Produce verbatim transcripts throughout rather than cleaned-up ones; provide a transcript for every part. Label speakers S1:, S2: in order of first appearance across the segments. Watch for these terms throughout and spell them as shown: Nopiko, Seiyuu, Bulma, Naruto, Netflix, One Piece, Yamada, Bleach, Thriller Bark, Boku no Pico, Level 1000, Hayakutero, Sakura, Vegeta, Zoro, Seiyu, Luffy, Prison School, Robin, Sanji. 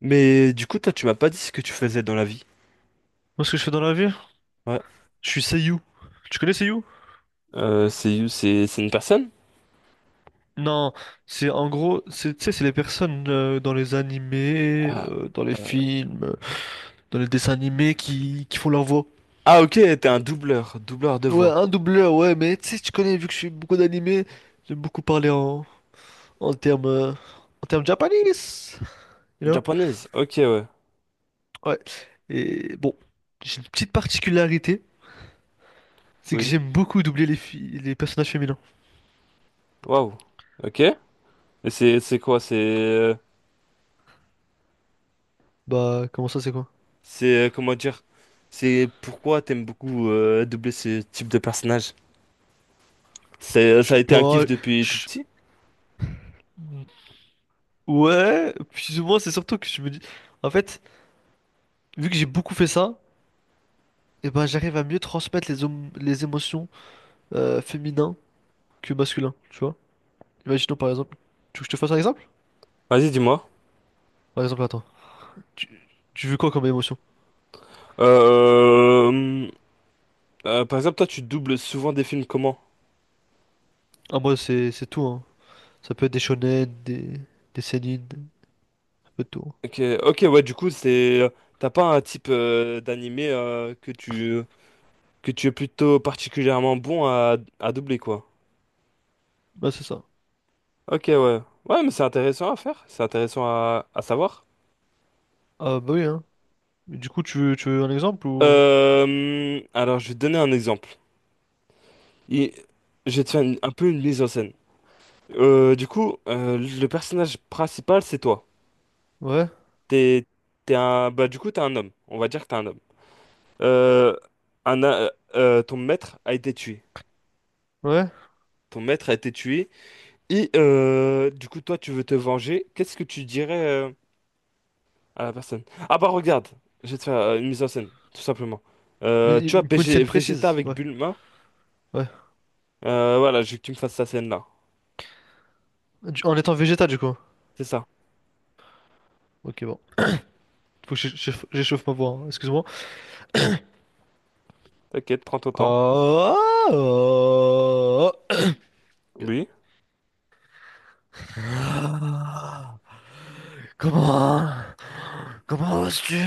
S1: Mais du coup, toi, tu m'as pas dit ce que tu faisais dans la vie.
S2: Moi, ce que je fais dans la vie,
S1: Ouais.
S2: je suis Seiyuu. Tu connais Seiyuu?
S1: Euh, c'est, c'est, c'est une personne?
S2: Non, c'est en gros, c'est, tu sais, c'est les personnes euh, dans les animés,
S1: Ah,
S2: euh, dans les
S1: euh,
S2: films, euh, dans les dessins animés qui, qui font leur voix.
S1: ah, ok, t'es un doubleur, doubleur de
S2: Ouais,
S1: voix.
S2: un doubleur, ouais, mais tu sais, tu connais, vu que je suis beaucoup d'animés, j'aime beaucoup parler en, en termes euh, en termes japonais, you know?
S1: Japonaise, ok, ouais.
S2: Ouais. Et bon, j'ai une petite particularité, c'est que
S1: Oui.
S2: j'aime beaucoup doubler les filles, les personnages féminins.
S1: Waouh. Ok. Et c'est, c'est quoi? C'est, euh,
S2: Bah, comment ça, c'est quoi?
S1: c'est, euh, comment dire? C'est pourquoi t'aimes beaucoup euh, doubler ce type de personnage? C'est, euh,
S2: Je
S1: ça a
S2: sais
S1: été un kiff
S2: pas.
S1: depuis tout
S2: je-
S1: petit?
S2: Ouais, plus ou moins, c'est surtout que je me dis, en fait, vu que j'ai beaucoup fait ça, et ben j'arrive à mieux transmettre les, hom- les émotions euh, féminins que masculins, tu vois. Imaginons par exemple, tu veux que je te fasse un exemple?
S1: Vas-y, dis-moi.
S2: Par exemple, attends, tu, tu veux quoi comme émotion?
S1: Euh, euh, Par exemple, toi, tu doubles souvent des films comment?
S2: Ah, moi, c'est c'est tout, hein. Ça peut être des shonen, des, des seinen, un peu de tout, hein.
S1: Ok, ok, ouais, du coup, c'est, t'as pas un type euh, d'animé euh, que tu que tu es plutôt particulièrement bon à, à doubler, quoi.
S2: Bah, c'est ça.
S1: Ok, ouais, ouais, mais c'est intéressant à faire, c'est intéressant à, à savoir.
S2: Ah, bah oui, hein. Mais du coup, tu veux, tu veux un exemple ou.
S1: Euh, alors, je vais te donner un exemple. Il- je vais te faire une- un peu une mise en scène. Euh, du coup, euh, le personnage principal, c'est toi.
S2: Ouais,
S1: T'es, t'es un, bah, du coup, t'es un homme. On va dire que t'es un homme. Euh, un, a- euh, Ton maître a été tué.
S2: ouais.
S1: Ton maître a été tué. Et euh, du coup, toi, tu veux te venger. Qu'est-ce que tu dirais euh, à la personne? Ah, bah regarde, je vais te faire euh, une mise en scène, tout simplement.
S2: Mais
S1: Euh, tu
S2: il
S1: vois,
S2: il me faut une
S1: B G
S2: scène
S1: Vegeta
S2: précise,
S1: avec
S2: ouais,
S1: Bulma.
S2: ouais.
S1: Euh, voilà, je veux que tu me fasses cette scène-là.
S2: Du- En étant végétal, du coup.
S1: C'est ça.
S2: Ok, bon. Faut que j'échauffe j'échauffe ma voix, hein. Excuse-moi.
S1: T'inquiète, prends ton temps.
S2: Oh!
S1: Oui.
S2: Ah. Comment? Comment oses-tu?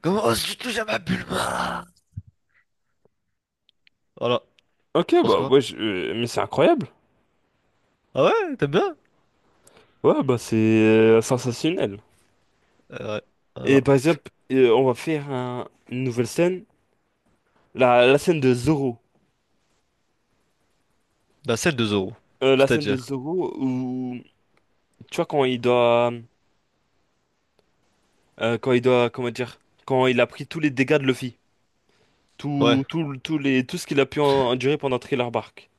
S2: Comment oses-tu toucher à ma Bulma? Voilà.
S1: Ok,
S2: Pense
S1: bah
S2: quoi?
S1: ouais, je- euh, mais c'est incroyable.
S2: Ah ouais? T'aimes bien?
S1: Ouais, bah c'est euh, sensationnel.
S2: Euh, ouais. Voilà.
S1: Et par exemple, euh, on va faire un- une nouvelle scène. La, la scène de Zoro.
S2: La celle de Zoro.
S1: Euh, la scène de
S2: C'est-à-dire.
S1: Zoro où, tu vois, quand il doit... Euh, quand il doit, comment dire, quand il a pris tous les dégâts de Luffy,
S2: Ouais.
S1: tout, tout, tout les, tout ce qu'il a pu en- endurer pendant Thriller Bark.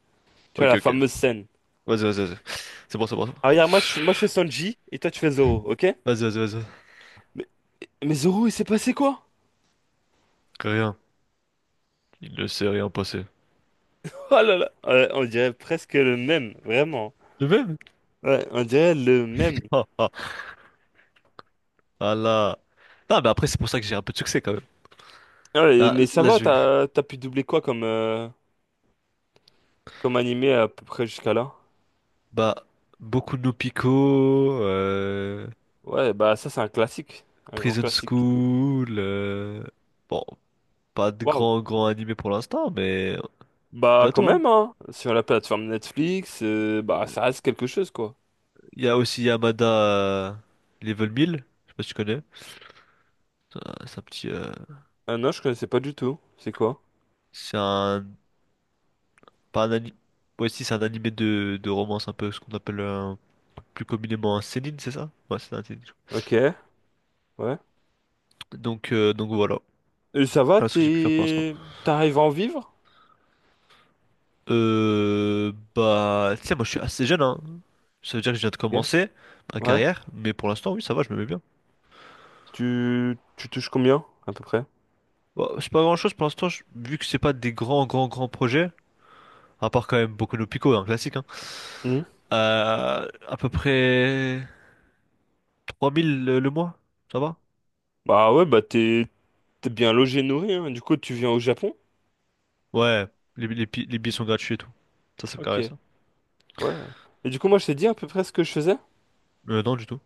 S1: Tu vois
S2: Ok,
S1: la
S2: ok.
S1: fameuse scène.
S2: Vas-y, vas-y, vas-y. C'est bon, c'est bon, c'est bon.
S1: Ah, regarde, moi je, moi je fais Sanji et toi tu fais Zoro, ok?
S2: Vas-y, vas-y, vas-y.
S1: Mais, mais Zoro, il s'est passé quoi?
S2: Rien. Il ne s'est rien passé.
S1: Oh là là! Ouais, on dirait presque le même, vraiment.
S2: Le même?
S1: Ouais, on dirait le même.
S2: Ah ah. Ah là. Non, mais après, c'est pour ça que j'ai un peu de succès quand même.
S1: Ouais,
S2: Là,
S1: mais ça
S2: là,
S1: va,
S2: je...
S1: t'as, t'as pu doubler quoi comme, euh, comme animé à peu près jusqu'à là?
S2: Bah, beaucoup de Nopiko, euh...
S1: Ouais, bah ça c'est un classique, un grand
S2: Prison
S1: classique.
S2: School, euh, bon, pas de
S1: Waouh!
S2: grand grand animé pour l'instant, mais
S1: Bah quand
S2: bientôt, hein.
S1: même, hein, sur la plateforme Netflix, euh, bah ça reste quelque chose quoi.
S2: Il y a aussi Yamada euh, Level mille. Je sais pas si tu connais. Euh, C'est un petit, euh,
S1: Ah non, je connaissais pas du tout. C'est quoi?
S2: c'est un. Pas un ani- Ouais, si, c'est un animé de, de romance un peu, ce qu'on appelle euh, plus communément un seinen, c'est ça? Ouais, c'est un seinen.
S1: Ok, ouais.
S2: Donc, euh, donc voilà.
S1: Et ça va,
S2: Voilà ce que j'ai pu faire pour l'instant.
S1: t'es... T'arrives à en vivre?
S2: Euh, bah, tu sais, moi je suis assez jeune, hein. Ça veut dire que je viens de
S1: Ok,
S2: commencer ma
S1: ouais.
S2: carrière, mais pour l'instant, oui, ça va, je me mets bien.
S1: Tu... tu touches combien, à peu près?
S2: Bon, c'est pas grand-chose pour l'instant, je- vu que c'est pas des grands, grands, grands projets, à part quand même Boku no Pico, un classique, hein.
S1: Hmm.
S2: Euh, à peu près trois mille le, le mois, ça va?
S1: Bah ouais, bah t'es t'es bien logé, nourri, hein. Du coup, tu viens au Japon?
S2: Ouais, les, les, pi- les billets sont gratuits et tout. Ça, ça me carré,
S1: Ok,
S2: ça.
S1: ouais. Et du coup, moi, je t'ai dit à peu près ce que je faisais.
S2: Euh, non, du tout.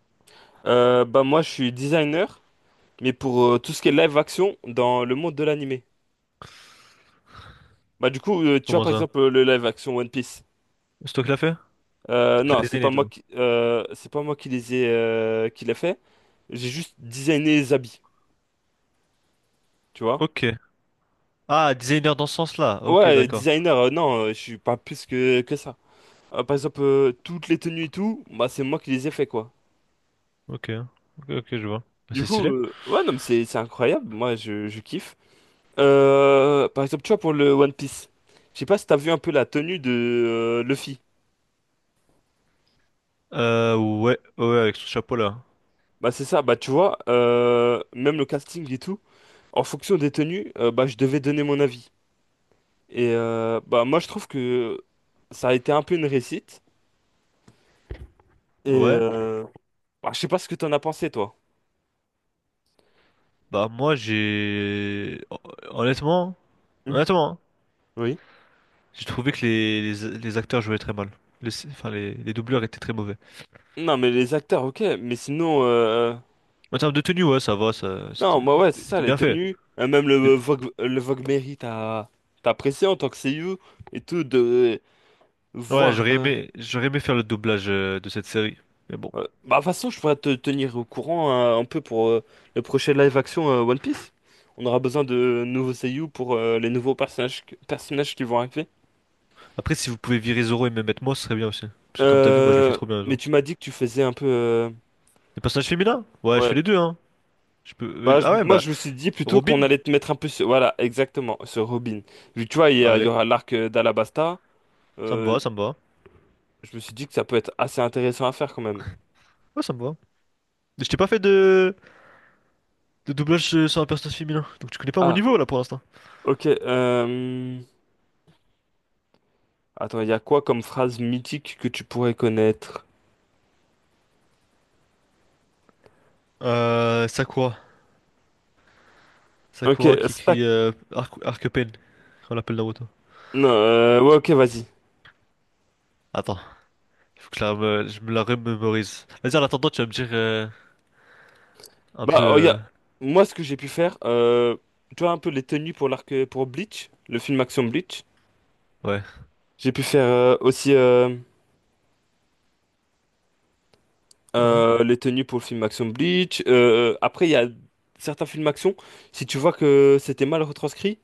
S1: Euh, bah moi, je suis designer, mais pour euh, tout ce qui est live action dans le monde de l'animé. Bah du coup, euh, tu vois
S2: Comment
S1: par
S2: ça?
S1: exemple euh, le live action One Piece.
S2: C'est toi qui l'as fait?
S1: Euh,
S2: C'est toi qui
S1: non,
S2: l'as
S1: c'est pas
S2: designé, tu
S1: moi
S2: vois.
S1: qui, euh, c'est pas moi qui les ai, euh, qui l'a fait. J'ai juste designé les habits, tu vois.
S2: Ok. Ah, designer dans ce sens-là. Ok,
S1: Ouais,
S2: d'accord.
S1: designer, euh, non, euh, je suis pas plus que, que ça. Euh, par exemple, euh, toutes les tenues et tout, bah c'est moi qui les ai fait, quoi.
S2: Ok. Ok, ok, je vois. Bah,
S1: Du
S2: c'est
S1: coup,
S2: stylé.
S1: euh, ouais, non, mais c'est, c'est incroyable, moi je, je kiffe. Euh, par exemple, tu vois, pour le One Piece, je sais pas si t'as vu un peu la tenue de euh, Luffy.
S2: Euh, ouais, ouais, ouais, avec son chapeau là.
S1: Bah c'est ça, bah tu vois, euh, même le casting et tout, en fonction des tenues, euh, bah je devais donner mon avis. Et euh, bah moi je trouve que ça a été un peu une réussite. Et
S2: Ouais.
S1: euh, bah, je sais pas ce que t'en as pensé toi.
S2: Bah, moi, j'ai. Honnêtement,
S1: Mhm.
S2: honnêtement, hein,
S1: Oui.
S2: j'ai trouvé que les, les, les acteurs jouaient très mal. Les, enfin, les, les doubleurs étaient très mauvais.
S1: Non, mais les acteurs, ok, mais sinon euh,
S2: En termes de tenue, ouais, ça va, ça, c'était
S1: non, moi, ouais, c'est
S2: c'était-
S1: ça,
S2: c'était
S1: les
S2: bien fait.
S1: tenues. Euh, même le
S2: C'était-
S1: Vogue le Vogue Mary, t'as t'as apprécié en tant que C U et tout de
S2: Ouais,
S1: voir.
S2: j'aurais
S1: Euh,
S2: aimé, j'aurais aimé faire le doublage euh, de cette série. Mais bon.
S1: ouais. Bah de toute façon, je pourrais te tenir au courant, euh, un peu pour euh, le prochain live action euh, One Piece. On aura besoin de nouveaux C U pour euh, les nouveaux personnages personnages qui vont arriver.
S2: Après, si vous pouvez virer Zoro et me mettre moi, ce serait bien aussi. Parce que comme t'as vu, moi je le fais
S1: Euh,
S2: trop bien,
S1: mais
S2: Zoro.
S1: tu m'as dit que tu faisais un peu. euh,
S2: Les personnages féminins? Ouais, je fais
S1: Ouais.
S2: les deux, hein. Je peux... euh,
S1: Bah, je-
S2: ah ouais,
S1: moi,
S2: bah,
S1: je me suis dit plutôt qu'on
S2: Robin?
S1: allait te mettre un peu sur. Voilà, exactement, sur Robin. Vu que tu vois, il y, a- il y
S2: Allez,
S1: aura l'arc euh, d'Alabasta.
S2: ça me
S1: euh,
S2: va, ça me va.
S1: je me suis dit que ça peut être assez intéressant à faire quand même.
S2: Ouais, ça me va. Mais je t'ai pas fait de, de doublage euh, sur un personnage féminin, donc tu connais pas mon
S1: Ah,
S2: niveau là pour l'instant.
S1: ok. euh, Attends, il y a quoi comme phrase mythique que tu pourrais connaître?
S2: Euh, Sakura.
S1: Ok,
S2: Sakura qui
S1: stack.
S2: crie euh, Arc- Arc-Pen, on l'appelle Naruto.
S1: Non, euh, ouais, ok, vas-y.
S2: Attends, il faut que je la, me- je me la remémorise. Vas-y, en attendant, tu vas me dire euh, un peu,
S1: Bah,
S2: euh,
S1: regarde, moi, ce que j'ai pu faire, euh, tu vois, un peu les tenues pour l'arc, pour Bleach, le film Action Bleach.
S2: ouais,
S1: J'ai pu faire euh, aussi. Euh,
S2: ouais,
S1: Euh, les tenues pour le film Action Bleach. Euh, après, il y a certains films Action. Si tu vois que c'était mal retranscrit,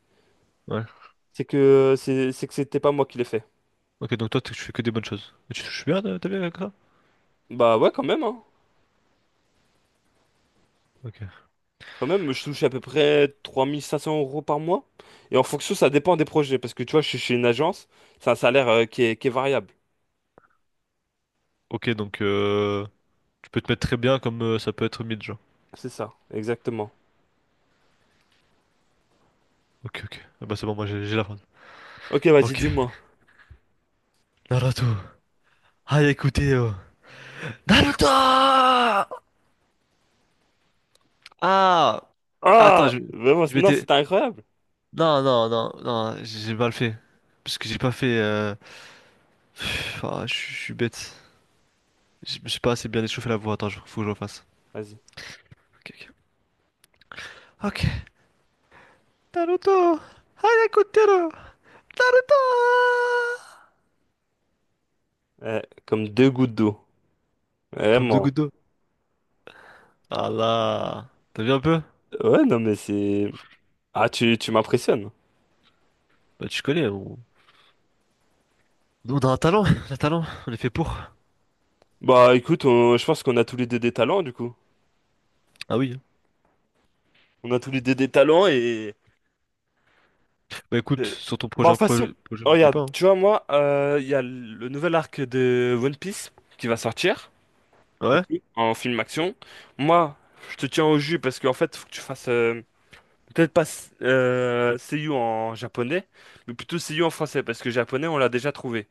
S2: ouais.
S1: c'est que c'est c'est que c'était pas moi qui l'ai fait.
S2: Ok, donc toi, tu tu fais que des bonnes choses. Et tu touches bien, euh, t'es bien avec ça?
S1: Bah ouais, quand même, hein.
S2: Ok.
S1: Quand même, je touche à peu près trois mille cinq cents euros par mois. Et en fonction, ça dépend des projets. Parce que tu vois, je suis chez une agence, c'est un salaire euh, qui est, qui est variable.
S2: Ok, donc euh, tu peux te mettre très bien comme euh, ça peut être mid, genre.
S1: C'est ça, exactement.
S2: Ok, ok. Ah bah c'est bon, moi j'ai j'ai la fin.
S1: Ok, vas-y,
S2: Ok.
S1: dis-moi.
S2: Naruto. Ah, écoutez, euh, Naruto! Ah! Attends,
S1: Ah!
S2: je,
S1: Vraiment,
S2: je
S1: c'est- non,
S2: m'étais.
S1: c'était incroyable.
S2: Non, non, non, non, j'ai mal fait. Parce que j'ai pas fait, euh, pff, ah, je suis je suis bête. Je me suis pas assez bien échauffé la voix. Attends, je- faut que je refasse.
S1: Vas-y.
S2: Ok, ok. Ok. Naruto! Hayakutero! Naruto!
S1: Eh, comme deux gouttes d'eau.
S2: Comme deux
S1: Vraiment.
S2: gouttes d'eau. Ah là! T'as vu un peu?
S1: Ouais, non, mais c'est. Ah, tu, tu m'impressionnes.
S2: Bah, tu connais, on... Nous, on a un talent, on a un talent, on est fait pour.
S1: Bah écoute, on- je pense qu'on a tous les deux des talents du coup.
S2: Ah oui.
S1: On a tous les deux des talents. et...
S2: Bah écoute,
S1: et-
S2: sur ton
S1: Bah en
S2: prochain
S1: façon,
S2: projet, projet
S1: oh,
S2: m'oublie
S1: regarde,
S2: pas, hein.
S1: tu vois moi, euh, il y a le nouvel arc de One Piece qui va sortir et
S2: Ouais?
S1: tout, en film action. Moi, je te tiens au jus parce qu'en fait, faut que tu fasses, euh, peut-être pas euh, Seiyu en japonais, mais plutôt Seiyu en français parce que japonais, on l'a déjà trouvé.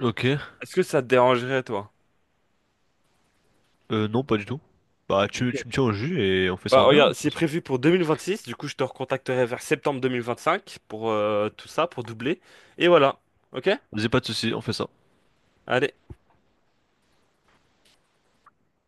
S2: Ok.
S1: Est-ce que ça te dérangerait toi?
S2: Euh, non, pas du tout. Bah, tu, tu me tiens au jus et on fait ça
S1: Bah,
S2: en bien.
S1: regarde, c'est prévu pour deux mille vingt-six, du coup je te recontacterai vers septembre deux mille vingt-cinq pour euh, tout ça, pour doubler. Et voilà, ok?
S2: Vas-y, pas de soucis, on fait ça.
S1: Allez.